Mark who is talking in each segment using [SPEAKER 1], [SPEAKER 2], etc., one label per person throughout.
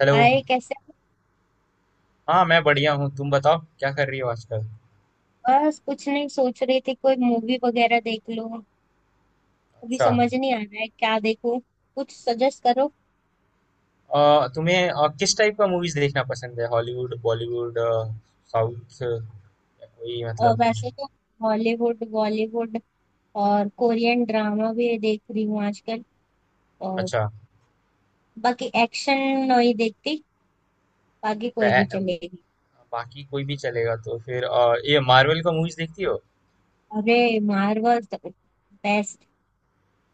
[SPEAKER 1] Hello.
[SPEAKER 2] Hi, कैसे हो?
[SPEAKER 1] हाँ, मैं बढ़िया हूँ। तुम बताओ क्या कर रही हो आजकल?
[SPEAKER 2] बस कुछ नहीं सोच रही थी, कोई मूवी वगैरह देख लो। अभी
[SPEAKER 1] अच्छा।
[SPEAKER 2] समझ नहीं आ रहा है क्या देखूं। कुछ सजेस्ट करो।
[SPEAKER 1] तुम्हें किस टाइप का मूवीज़ देखना पसंद है? हॉलीवुड, बॉलीवुड, साउथ या कोई मतलब।
[SPEAKER 2] वैसे तो हॉलीवुड, बॉलीवुड और कोरियन ड्रामा भी देख रही हूँ आजकल। और
[SPEAKER 1] अच्छा।
[SPEAKER 2] बाकी एक्शन नहीं देखती, बाकी
[SPEAKER 1] अ,
[SPEAKER 2] कोई भी
[SPEAKER 1] अ,
[SPEAKER 2] चलेगी।
[SPEAKER 1] बाकी कोई भी चलेगा। तो फिर ये मार्वल का मूवीज़ देखती हो?
[SPEAKER 2] अरे, मार्वल तो बेस्ट।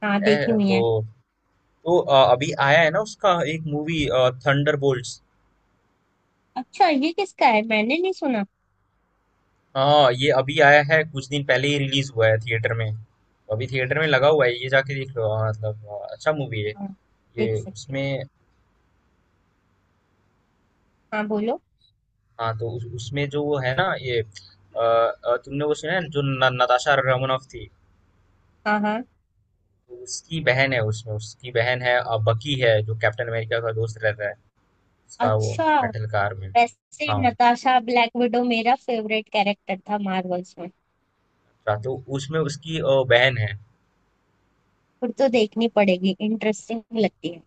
[SPEAKER 2] हाँ, देखी
[SPEAKER 1] ए,
[SPEAKER 2] हुई
[SPEAKER 1] तो
[SPEAKER 2] है।
[SPEAKER 1] तो अभी आया है ना उसका एक मूवी थंडरबोल्ट्स।
[SPEAKER 2] अच्छा, ये किसका है? मैंने नहीं सुना।
[SPEAKER 1] हाँ, ये अभी आया है कुछ दिन पहले ही रिलीज हुआ है थिएटर में। अभी थिएटर में लगा हुआ है ये जाके देख लो। हाँ, मतलब अच्छा मूवी है।
[SPEAKER 2] हाँ, देख
[SPEAKER 1] ये
[SPEAKER 2] सकते हो।
[SPEAKER 1] उसमें।
[SPEAKER 2] हाँ, बोलो।
[SPEAKER 1] हाँ, तो उस उसमें जो वो है ना ये तुमने वो सुना है जो न, नताशा रमनोफ थी।
[SPEAKER 2] हाँ हाँ।
[SPEAKER 1] तो उसकी बहन है उसमें उसकी बहन है बकी है जो कैप्टन अमेरिका का दोस्त रहता है। उसका वो
[SPEAKER 2] अच्छा।
[SPEAKER 1] मेटल कार में।
[SPEAKER 2] वैसे
[SPEAKER 1] हाँ।
[SPEAKER 2] नताशा ब्लैक विडो मेरा फेवरेट कैरेक्टर था मार्वल्स में।
[SPEAKER 1] तो उसमें उसकी बहन है।
[SPEAKER 2] फिर तो देखनी पड़ेगी, इंटरेस्टिंग लगती है।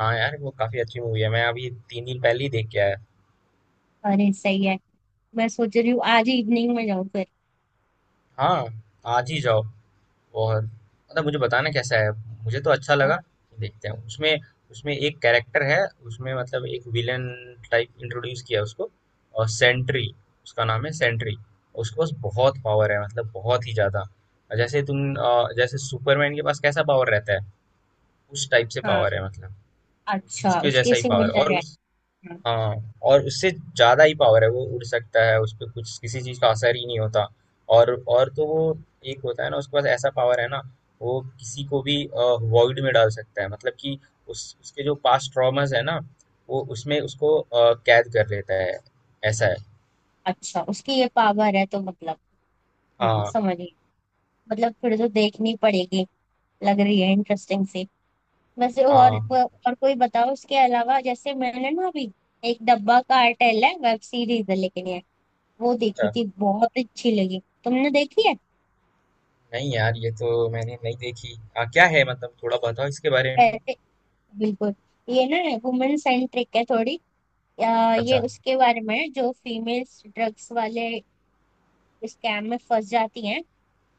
[SPEAKER 1] हाँ यार वो काफी अच्छी मूवी है मैं अभी 3 दिन पहले ही देख के आया।
[SPEAKER 2] अरे सही है। मैं सोच रही हूँ आज इवनिंग में जाऊँ फिर।
[SPEAKER 1] हाँ, आज ही जाओ। और मतलब मुझे बताना कैसा है। मुझे तो अच्छा लगा।
[SPEAKER 2] हाँ।
[SPEAKER 1] देखते हैं उसमें। उसमें एक कैरेक्टर है उसमें मतलब एक विलन टाइप इंट्रोड्यूस किया उसको। और सेंट्री। उसका नाम है सेंट्री। उसके पास बहुत पावर है मतलब बहुत ही ज़्यादा और जैसे तुम जैसे सुपरमैन के पास कैसा पावर रहता है। उस टाइप से
[SPEAKER 2] हाँ,
[SPEAKER 1] पावर है मतलब।
[SPEAKER 2] अच्छा,
[SPEAKER 1] उसके
[SPEAKER 2] उसके
[SPEAKER 1] जैसा ही पावर
[SPEAKER 2] सिमिलर
[SPEAKER 1] और
[SPEAKER 2] है।
[SPEAKER 1] उस।
[SPEAKER 2] हाँ।
[SPEAKER 1] हाँ, और उससे ज़्यादा ही पावर है वो उड़ सकता है उसपे कुछ किसी चीज़ का असर ही नहीं होता। और तो वो। एक होता है ना उसके पास ऐसा पावर है ना। वो किसी को भी वॉइड में डाल सकता है मतलब कि उस उसके जो पास्ट ट्रॉमास है ना। वो उसमें उसको कैद कर लेता है। ऐसा है।
[SPEAKER 2] अच्छा, उसकी ये पावर है तो? मतलब हम्म,
[SPEAKER 1] हाँ
[SPEAKER 2] समझ गई। मतलब फिर तो देखनी पड़ेगी, लग रही है इंटरेस्टिंग सी। वैसे और
[SPEAKER 1] हाँ।
[SPEAKER 2] और कोई बताओ उसके अलावा। जैसे मैंने ना अभी एक डब्बा कार्टेल है, वेब सीरीज है लेकिन ये, वो देखी
[SPEAKER 1] अच्छा।
[SPEAKER 2] थी, बहुत अच्छी लगी। तुमने देखी है?
[SPEAKER 1] नहीं यार ये तो मैंने नहीं देखी। हाँ क्या है मतलब थोड़ा बताओ इसके बारे में।
[SPEAKER 2] रहते। बिल्कुल। ये ना वुमेन सेंट्रिक है थोड़ी। अ, ये
[SPEAKER 1] अच्छा।
[SPEAKER 2] उसके बारे में है, जो फीमेल्स ड्रग्स वाले स्कैम में फंस जाती हैं।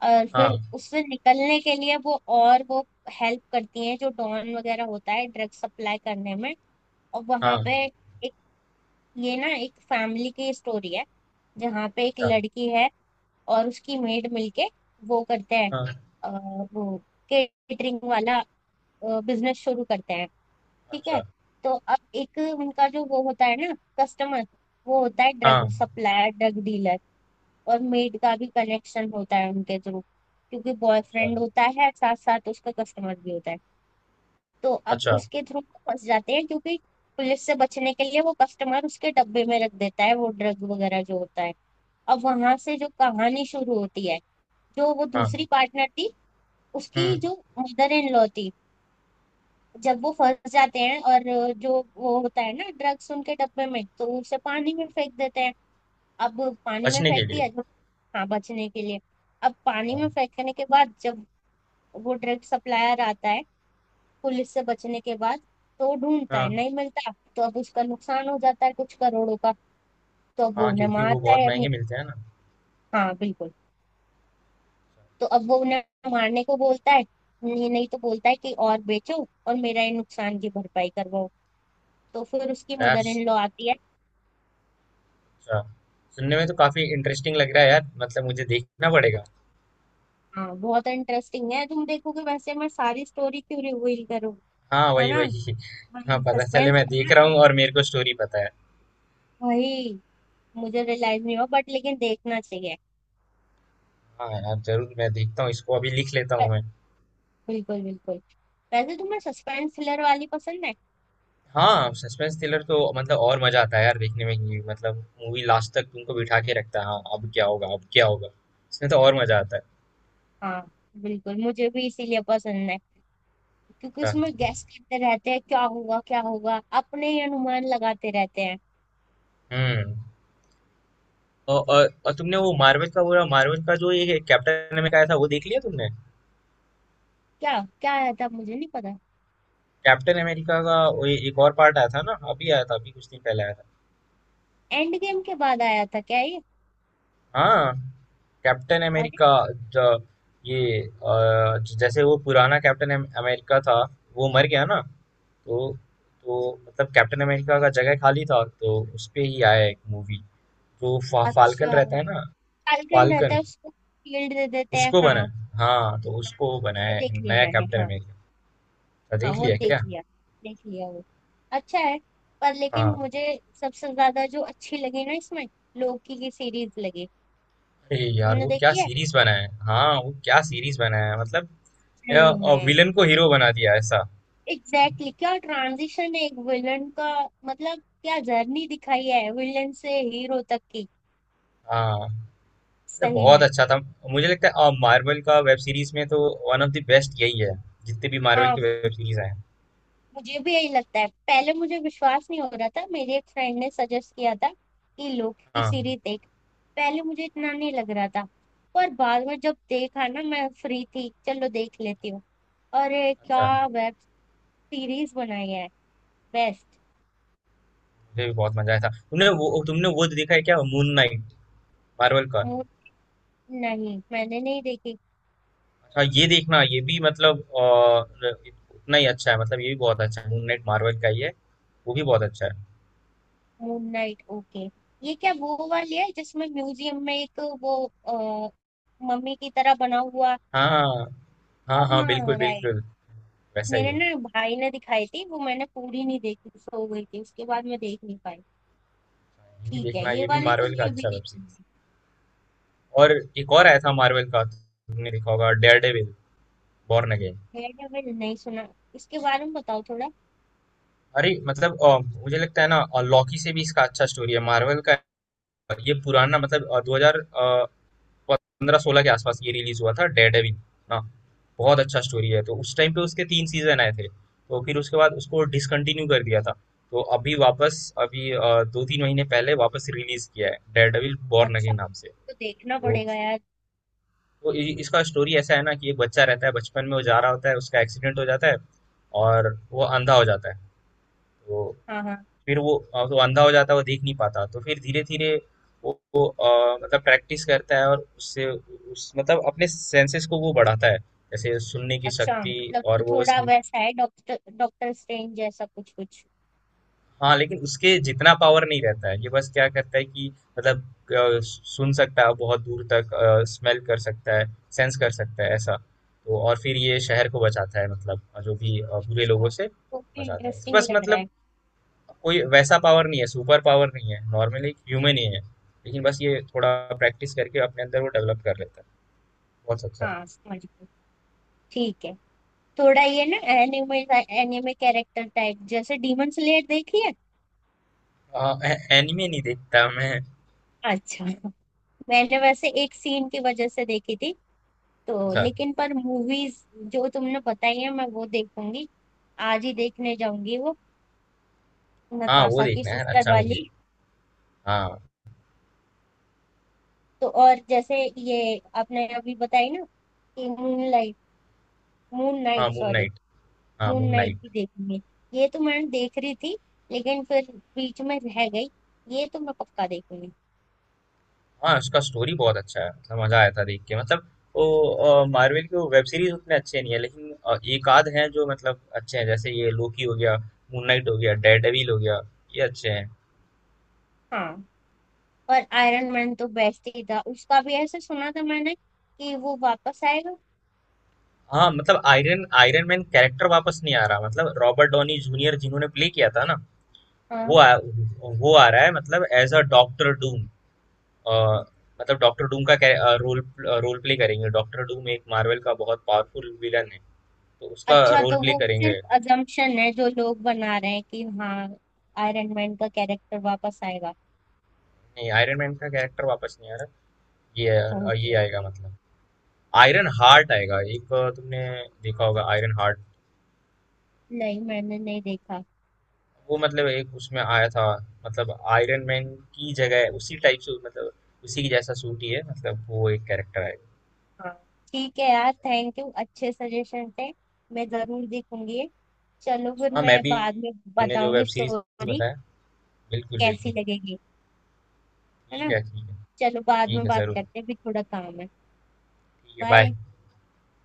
[SPEAKER 2] और फिर
[SPEAKER 1] हाँ
[SPEAKER 2] उससे निकलने के लिए वो हेल्प करती हैं जो डॉन वगैरह होता है ड्रग्स सप्लाई करने में। और वहां
[SPEAKER 1] हाँ।
[SPEAKER 2] पे एक, ये ना एक फैमिली की स्टोरी है, जहाँ पे एक
[SPEAKER 1] अच्छा।
[SPEAKER 2] लड़की है और उसकी मेड मिलके वो करते हैं।
[SPEAKER 1] हाँ।
[SPEAKER 2] अ, वो केटरिंग वाला बिजनेस शुरू करते हैं। ठीक है।
[SPEAKER 1] अच्छा।
[SPEAKER 2] तो अब एक उनका जो वो होता है ना, कस्टमर, वो होता है
[SPEAKER 1] हाँ।
[SPEAKER 2] Drug supplier, drug dealer. और मेड का भी कनेक्शन होता है उनके थ्रू, क्योंकि
[SPEAKER 1] अच्छा।
[SPEAKER 2] बॉयफ्रेंड होता है, साथ साथ उसका कस्टमर भी होता है। तो अब
[SPEAKER 1] अच्छा।
[SPEAKER 2] उसके थ्रू वो फंस जाते हैं, क्योंकि पुलिस से बचने के लिए वो कस्टमर उसके डब्बे में रख देता है वो ड्रग वगैरह जो होता है। अब वहां से जो कहानी शुरू होती है, जो वो दूसरी
[SPEAKER 1] हाँ।
[SPEAKER 2] पार्टनर थी, उसकी
[SPEAKER 1] हम्म।
[SPEAKER 2] जो मदर इन लॉ थी, जब वो फंस जाते हैं और जो वो होता है ना ड्रग्स उनके डब्बे में, तो उसे पानी में फेंक देते हैं। अब पानी में
[SPEAKER 1] बचने के
[SPEAKER 2] फेंक
[SPEAKER 1] लिए।
[SPEAKER 2] दिया जब, हाँ बचने के लिए। अब पानी
[SPEAKER 1] हाँ।
[SPEAKER 2] में फेंकने के बाद जब वो ड्रग सप्लायर आता है पुलिस से बचने के बाद, तो वो ढूंढता है,
[SPEAKER 1] हाँ।
[SPEAKER 2] नहीं मिलता। तो अब उसका नुकसान हो जाता है कुछ करोड़ों का। तो अब वो
[SPEAKER 1] हाँ,
[SPEAKER 2] उन्हें
[SPEAKER 1] क्योंकि वो
[SPEAKER 2] मारता
[SPEAKER 1] बहुत
[SPEAKER 2] है
[SPEAKER 1] महंगे
[SPEAKER 2] अभी।
[SPEAKER 1] मिलते हैं ना।
[SPEAKER 2] हाँ बिल्कुल।
[SPEAKER 1] अच्छा,
[SPEAKER 2] तो अब वो उन्हें मारने को बोलता है, नहीं नहीं तो बोलता है कि और बेचो और मेरा ये नुकसान की भरपाई करवाओ। तो फिर उसकी
[SPEAKER 1] यार
[SPEAKER 2] मदर इन लॉ आती है।
[SPEAKER 1] अच्छा सुनने में तो काफी इंटरेस्टिंग लग रहा है यार मतलब मुझे देखना पड़ेगा।
[SPEAKER 2] हाँ बहुत इंटरेस्टिंग है, तुम देखोगे, वैसे मैं सारी स्टोरी क्यों रिवील करूँ?
[SPEAKER 1] हाँ
[SPEAKER 2] है
[SPEAKER 1] वही
[SPEAKER 2] ना,
[SPEAKER 1] वही। हाँ
[SPEAKER 2] वही
[SPEAKER 1] पता चले
[SPEAKER 2] सस्पेंस
[SPEAKER 1] मैं
[SPEAKER 2] बना
[SPEAKER 1] देख रहा हूँ
[SPEAKER 2] रहना
[SPEAKER 1] और मेरे
[SPEAKER 2] चाहिए।
[SPEAKER 1] को स्टोरी पता है।
[SPEAKER 2] भाई, मुझे रियलाइज नहीं हुआ बट लेकिन देखना चाहिए।
[SPEAKER 1] हाँ यार जरूर मैं देखता हूँ इसको अभी लिख लेता
[SPEAKER 2] ब-
[SPEAKER 1] हूँ मैं।
[SPEAKER 2] बिल्कुल बिल्कुल। वैसे तुम्हें सस्पेंस थ्रिलर वाली पसंद है?
[SPEAKER 1] हाँ सस्पेंस थ्रिलर तो मतलब और मजा आता है यार देखने में कि मतलब। मूवी लास्ट तक तुमको बिठा के रखता है हाँ अब क्या होगा अब क्या होगा। इसमें तो और मजा आता है।
[SPEAKER 2] हाँ बिल्कुल, मुझे भी इसीलिए पसंद है, क्योंकि उसमें
[SPEAKER 1] अच्छा,
[SPEAKER 2] गैस करते रहते हैं क्या होगा क्या होगा, अपने ही अनुमान लगाते रहते हैं।
[SPEAKER 1] हम्म। और तुमने वो मार्वल का बोला मार्वल का जो ये कैप्टन अमेरिका आया था वो देख लिया तुमने।
[SPEAKER 2] क्या? क्या आया था? मुझे नहीं पता।
[SPEAKER 1] कैप्टन अमेरिका का वो ये एक और पार्ट आया था ना अभी आया था अभी कुछ दिन पहले आया था।
[SPEAKER 2] एंड गेम के बाद आया था क्या ये?
[SPEAKER 1] हाँ। कैप्टन
[SPEAKER 2] अरे।
[SPEAKER 1] अमेरिका। ज- ये जैसे वो पुराना कैप्टन अमेरिका था। वो मर गया ना। तो तो मतलब कैप्टन अमेरिका का जगह खाली था तो उस पे ही आया एक मूवी। तो फाल्कन
[SPEAKER 2] अच्छा,
[SPEAKER 1] रहता है ना।
[SPEAKER 2] फाल्कन रहता
[SPEAKER 1] फाल्कन
[SPEAKER 2] है, उसको शील्ड दे देते हैं,
[SPEAKER 1] उसको बना।
[SPEAKER 2] हाँ।
[SPEAKER 1] हाँ तो उसको
[SPEAKER 2] वो
[SPEAKER 1] बनाया
[SPEAKER 2] देख
[SPEAKER 1] है
[SPEAKER 2] लिया
[SPEAKER 1] नया
[SPEAKER 2] मैंने,
[SPEAKER 1] कैप्टन
[SPEAKER 2] हाँ।
[SPEAKER 1] अमेरिका। तो
[SPEAKER 2] हाँ
[SPEAKER 1] देख
[SPEAKER 2] वो
[SPEAKER 1] लिया क्या।
[SPEAKER 2] देख लिया, देख लिया वो, अच्छा है। पर लेकिन
[SPEAKER 1] हाँ
[SPEAKER 2] मुझे सबसे ज्यादा जो अच्छी लगी ना इसमें, लोकी की सीरीज लगी।
[SPEAKER 1] अरे यार
[SPEAKER 2] तुमने
[SPEAKER 1] वो क्या
[SPEAKER 2] देखी है?
[SPEAKER 1] सीरीज बना है हाँ वो क्या सीरीज बना है मतलब।
[SPEAKER 2] सही में,
[SPEAKER 1] विलन को हीरो बना दिया ऐसा।
[SPEAKER 2] Exactly exactly। क्या ट्रांजिशन है एक विलन का, मतलब क्या जर्नी दिखाई है विलन से हीरो तक की।
[SPEAKER 1] हाँ मतलब
[SPEAKER 2] सही
[SPEAKER 1] बहुत
[SPEAKER 2] में।
[SPEAKER 1] अच्छा था। मुझे लगता है मार्वल का वेब सीरीज में तो वन ऑफ द बेस्ट यही है। जितने भी मार्वल
[SPEAKER 2] हाँ,
[SPEAKER 1] के वेब सीरीज आए हैं।
[SPEAKER 2] मुझे भी यही लगता है। पहले मुझे विश्वास नहीं हो रहा था, मेरी एक फ्रेंड ने सजेस्ट किया था कि लोकी
[SPEAKER 1] हाँ।
[SPEAKER 2] सीरीज देख। पहले मुझे इतना नहीं लग रहा था। पर बाद में जब देखा ना, मैं फ्री थी, चलो देख लेती हूँ। अरे
[SPEAKER 1] अच्छा।
[SPEAKER 2] क्या वेब सीरीज बनाई है, बेस्ट।
[SPEAKER 1] मुझे भी बहुत मजा आया था। तुमने वो देखा है क्या मून नाइट मार्वल का।
[SPEAKER 2] मून, नहीं मैंने नहीं देखी।
[SPEAKER 1] अच्छा ये देखना ये भी मतलब उतना ही अच्छा है मतलब ये भी बहुत अच्छा है मून नाइट मार्वल का ही है। वो भी बहुत अच्छा है।
[SPEAKER 2] Moon Knight, okay. ये क्या वो वाली है जिसमें म्यूजियम में एक वो, अ, मम्मी की तरह बना हुआ?
[SPEAKER 1] हाँ हाँ
[SPEAKER 2] हाँ
[SPEAKER 1] हाँ हाँ, बिल्कुल
[SPEAKER 2] right।
[SPEAKER 1] बिल्कुल। वैसा ही
[SPEAKER 2] मेरे
[SPEAKER 1] है।
[SPEAKER 2] ना भाई ने दिखाई थी वो, मैंने पूरी नहीं देखी, सो गई थी, उसके बाद मैं देख नहीं पाई।
[SPEAKER 1] ये भी
[SPEAKER 2] ठीक है,
[SPEAKER 1] देखना
[SPEAKER 2] ये
[SPEAKER 1] ये भी
[SPEAKER 2] वाली तो
[SPEAKER 1] मार्वल का
[SPEAKER 2] मैं अभी
[SPEAKER 1] अच्छा वेब सीरीज।
[SPEAKER 2] देखूंगी।
[SPEAKER 1] और एक और आया था मार्वल का तुमने देखा होगा Daredevil Born Again.
[SPEAKER 2] Daredevil नहीं सुना, इसके बारे में बताओ थोड़ा।
[SPEAKER 1] अरे मतलब मुझे लगता है ना लॉकी से भी इसका अच्छा स्टोरी है मार्वल का। ये पुराना मतलब 2015 16 के आसपास ये रिलीज हुआ था डेयर डेविल ना। बहुत अच्छा स्टोरी है तो उस टाइम पे उसके 3 सीजन आए थे तो फिर उसके बाद उसको डिसकंटिन्यू कर दिया था। तो अभी वापस अभी 2-3 महीने पहले वापस रिलीज किया है डेयर डेविल बॉर्न
[SPEAKER 2] अच्छा,
[SPEAKER 1] अगेन नाम से।
[SPEAKER 2] तो देखना
[SPEAKER 1] तो
[SPEAKER 2] पड़ेगा यार।
[SPEAKER 1] तो इसका स्टोरी ऐसा है ना कि एक बच्चा रहता है बचपन में वो जा रहा होता है उसका एक्सीडेंट हो जाता है। और वो अंधा हो जाता है। तो
[SPEAKER 2] हाँ हाँ।
[SPEAKER 1] फिर वो तो अंधा हो जाता है वो देख नहीं पाता तो फिर धीरे धीरे वो मतलब प्रैक्टिस करता है और उससे उस मतलब अपने सेंसेस को वो बढ़ाता है। जैसे सुनने की
[SPEAKER 2] अच्छा,
[SPEAKER 1] शक्ति।
[SPEAKER 2] मतलब
[SPEAKER 1] और
[SPEAKER 2] कि
[SPEAKER 1] वो उस।
[SPEAKER 2] थोड़ा वैसा है, डॉक्टर, डॉक्टर स्ट्रेंज जैसा कुछ कुछ।
[SPEAKER 1] हाँ लेकिन उसके जितना पावर नहीं रहता है ये बस क्या करता है कि मतलब सुन सकता है बहुत दूर तक। स्मेल कर सकता है। सेंस कर सकता है ऐसा तो और फिर ये शहर को बचाता है मतलब जो भी बुरे लोगों
[SPEAKER 2] अच्छा,
[SPEAKER 1] से
[SPEAKER 2] तो
[SPEAKER 1] बचाता है। इसके
[SPEAKER 2] इंटरेस्टिंग
[SPEAKER 1] पास
[SPEAKER 2] लग रहा है।
[SPEAKER 1] मतलब कोई वैसा पावर नहीं है सुपर पावर नहीं है नॉर्मली एक ह्यूमन ही है लेकिन बस ये थोड़ा प्रैक्टिस करके अपने अंदर वो डेवलप कर लेता है। बहुत अच्छा है।
[SPEAKER 2] हाँ समझ गई। ठीक है। थोड़ा ये ना एनिमे, एनिमे कैरेक्टर टाइप, जैसे डीमन स्लेयर देखी है?
[SPEAKER 1] आ, एनिमे नहीं देखता मैं।
[SPEAKER 2] अच्छा। मैंने वैसे एक सीन की वजह से देखी थी तो।
[SPEAKER 1] अच्छा।
[SPEAKER 2] लेकिन पर मूवीज जो तुमने बताई है, मैं वो देखूंगी। आज ही देखने जाऊंगी वो
[SPEAKER 1] हाँ वो
[SPEAKER 2] नताशा की
[SPEAKER 1] देखना है
[SPEAKER 2] सिस्टर
[SPEAKER 1] अच्छा मूवी है।
[SPEAKER 2] वाली।
[SPEAKER 1] हाँ
[SPEAKER 2] तो और जैसे ये आपने अभी बताई ना कि मून लाइट, मून
[SPEAKER 1] हाँ
[SPEAKER 2] नाइट
[SPEAKER 1] मून
[SPEAKER 2] सॉरी,
[SPEAKER 1] नाइट। हाँ
[SPEAKER 2] मून
[SPEAKER 1] मून
[SPEAKER 2] नाइट
[SPEAKER 1] नाइट।
[SPEAKER 2] भी देखूंगी। ये तो मैं देख रही थी लेकिन फिर बीच में रह गई, ये तो मैं पक्का देखूंगी।
[SPEAKER 1] हाँ उसका स्टोरी बहुत अच्छा है मतलब मजा आया था देख के मतलब। वो मार्वल की वेब सीरीज उतने अच्छे नहीं है लेकिन एक आध हैं जो मतलब अच्छे हैं जैसे ये लोकी हो गया मून नाइट हो गया डेयरडेविल हो गया। ये अच्छे हैं।
[SPEAKER 2] हाँ। और आयरन मैन तो बेस्ट ही था, उसका भी ऐसे सुना था मैंने कि वो वापस आएगा।
[SPEAKER 1] हाँ मतलब आयरन आयरन मैन कैरेक्टर वापस नहीं आ रहा मतलब रॉबर्ट डॉनी जूनियर जिन्होंने प्ले किया था ना।
[SPEAKER 2] हाँ।
[SPEAKER 1] वो वो आ रहा है मतलब एज अ डॉक्टर डूम। मतलब डॉक्टर डूम का रोल रोल प्ले करेंगे डॉक्टर डूम एक मार्वल का बहुत पावरफुल विलन है। तो उसका
[SPEAKER 2] अच्छा, तो
[SPEAKER 1] रोल प्ले
[SPEAKER 2] वो
[SPEAKER 1] करेंगे।
[SPEAKER 2] सिर्फ अजम्पशन है जो लोग बना रहे हैं कि हाँ आयरन मैन का कैरेक्टर वापस आएगा।
[SPEAKER 1] नहीं आयरन मैन का कैरेक्टर वापस नहीं आ रहा। ये अ,
[SPEAKER 2] ओके
[SPEAKER 1] ये आएगा
[SPEAKER 2] ओके।
[SPEAKER 1] मतलब आयरन
[SPEAKER 2] च-
[SPEAKER 1] हार्ट आएगा एक तुमने देखा होगा आयरन हार्ट।
[SPEAKER 2] नहीं, मैंने नहीं देखा।
[SPEAKER 1] वो मतलब एक उसमें आया था मतलब आयरन मैन की जगह उसी टाइप से मतलब उसी की जैसा सूट ही है मतलब वो एक कैरेक्टर आएगा।
[SPEAKER 2] हाँ ठीक है यार, थैंक यू, अच्छे सजेशन थे, मैं जरूर देखूंगी। चलो फिर
[SPEAKER 1] हाँ मैं
[SPEAKER 2] मैं
[SPEAKER 1] भी।
[SPEAKER 2] बाद में
[SPEAKER 1] मैंने जो
[SPEAKER 2] बताऊंगी
[SPEAKER 1] वेब सीरीज
[SPEAKER 2] स्टोरी
[SPEAKER 1] बताया। बिल्कुल
[SPEAKER 2] कैसी
[SPEAKER 1] बिल्कुल।
[SPEAKER 2] लगेगी, है
[SPEAKER 1] ठीक
[SPEAKER 2] ना।
[SPEAKER 1] है ठीक है।
[SPEAKER 2] चलो बाद
[SPEAKER 1] ठीक
[SPEAKER 2] में
[SPEAKER 1] है
[SPEAKER 2] बात
[SPEAKER 1] जरूर।
[SPEAKER 2] करते हैं, अभी थोड़ा काम है।
[SPEAKER 1] ठीक है बाय।
[SPEAKER 2] बाय।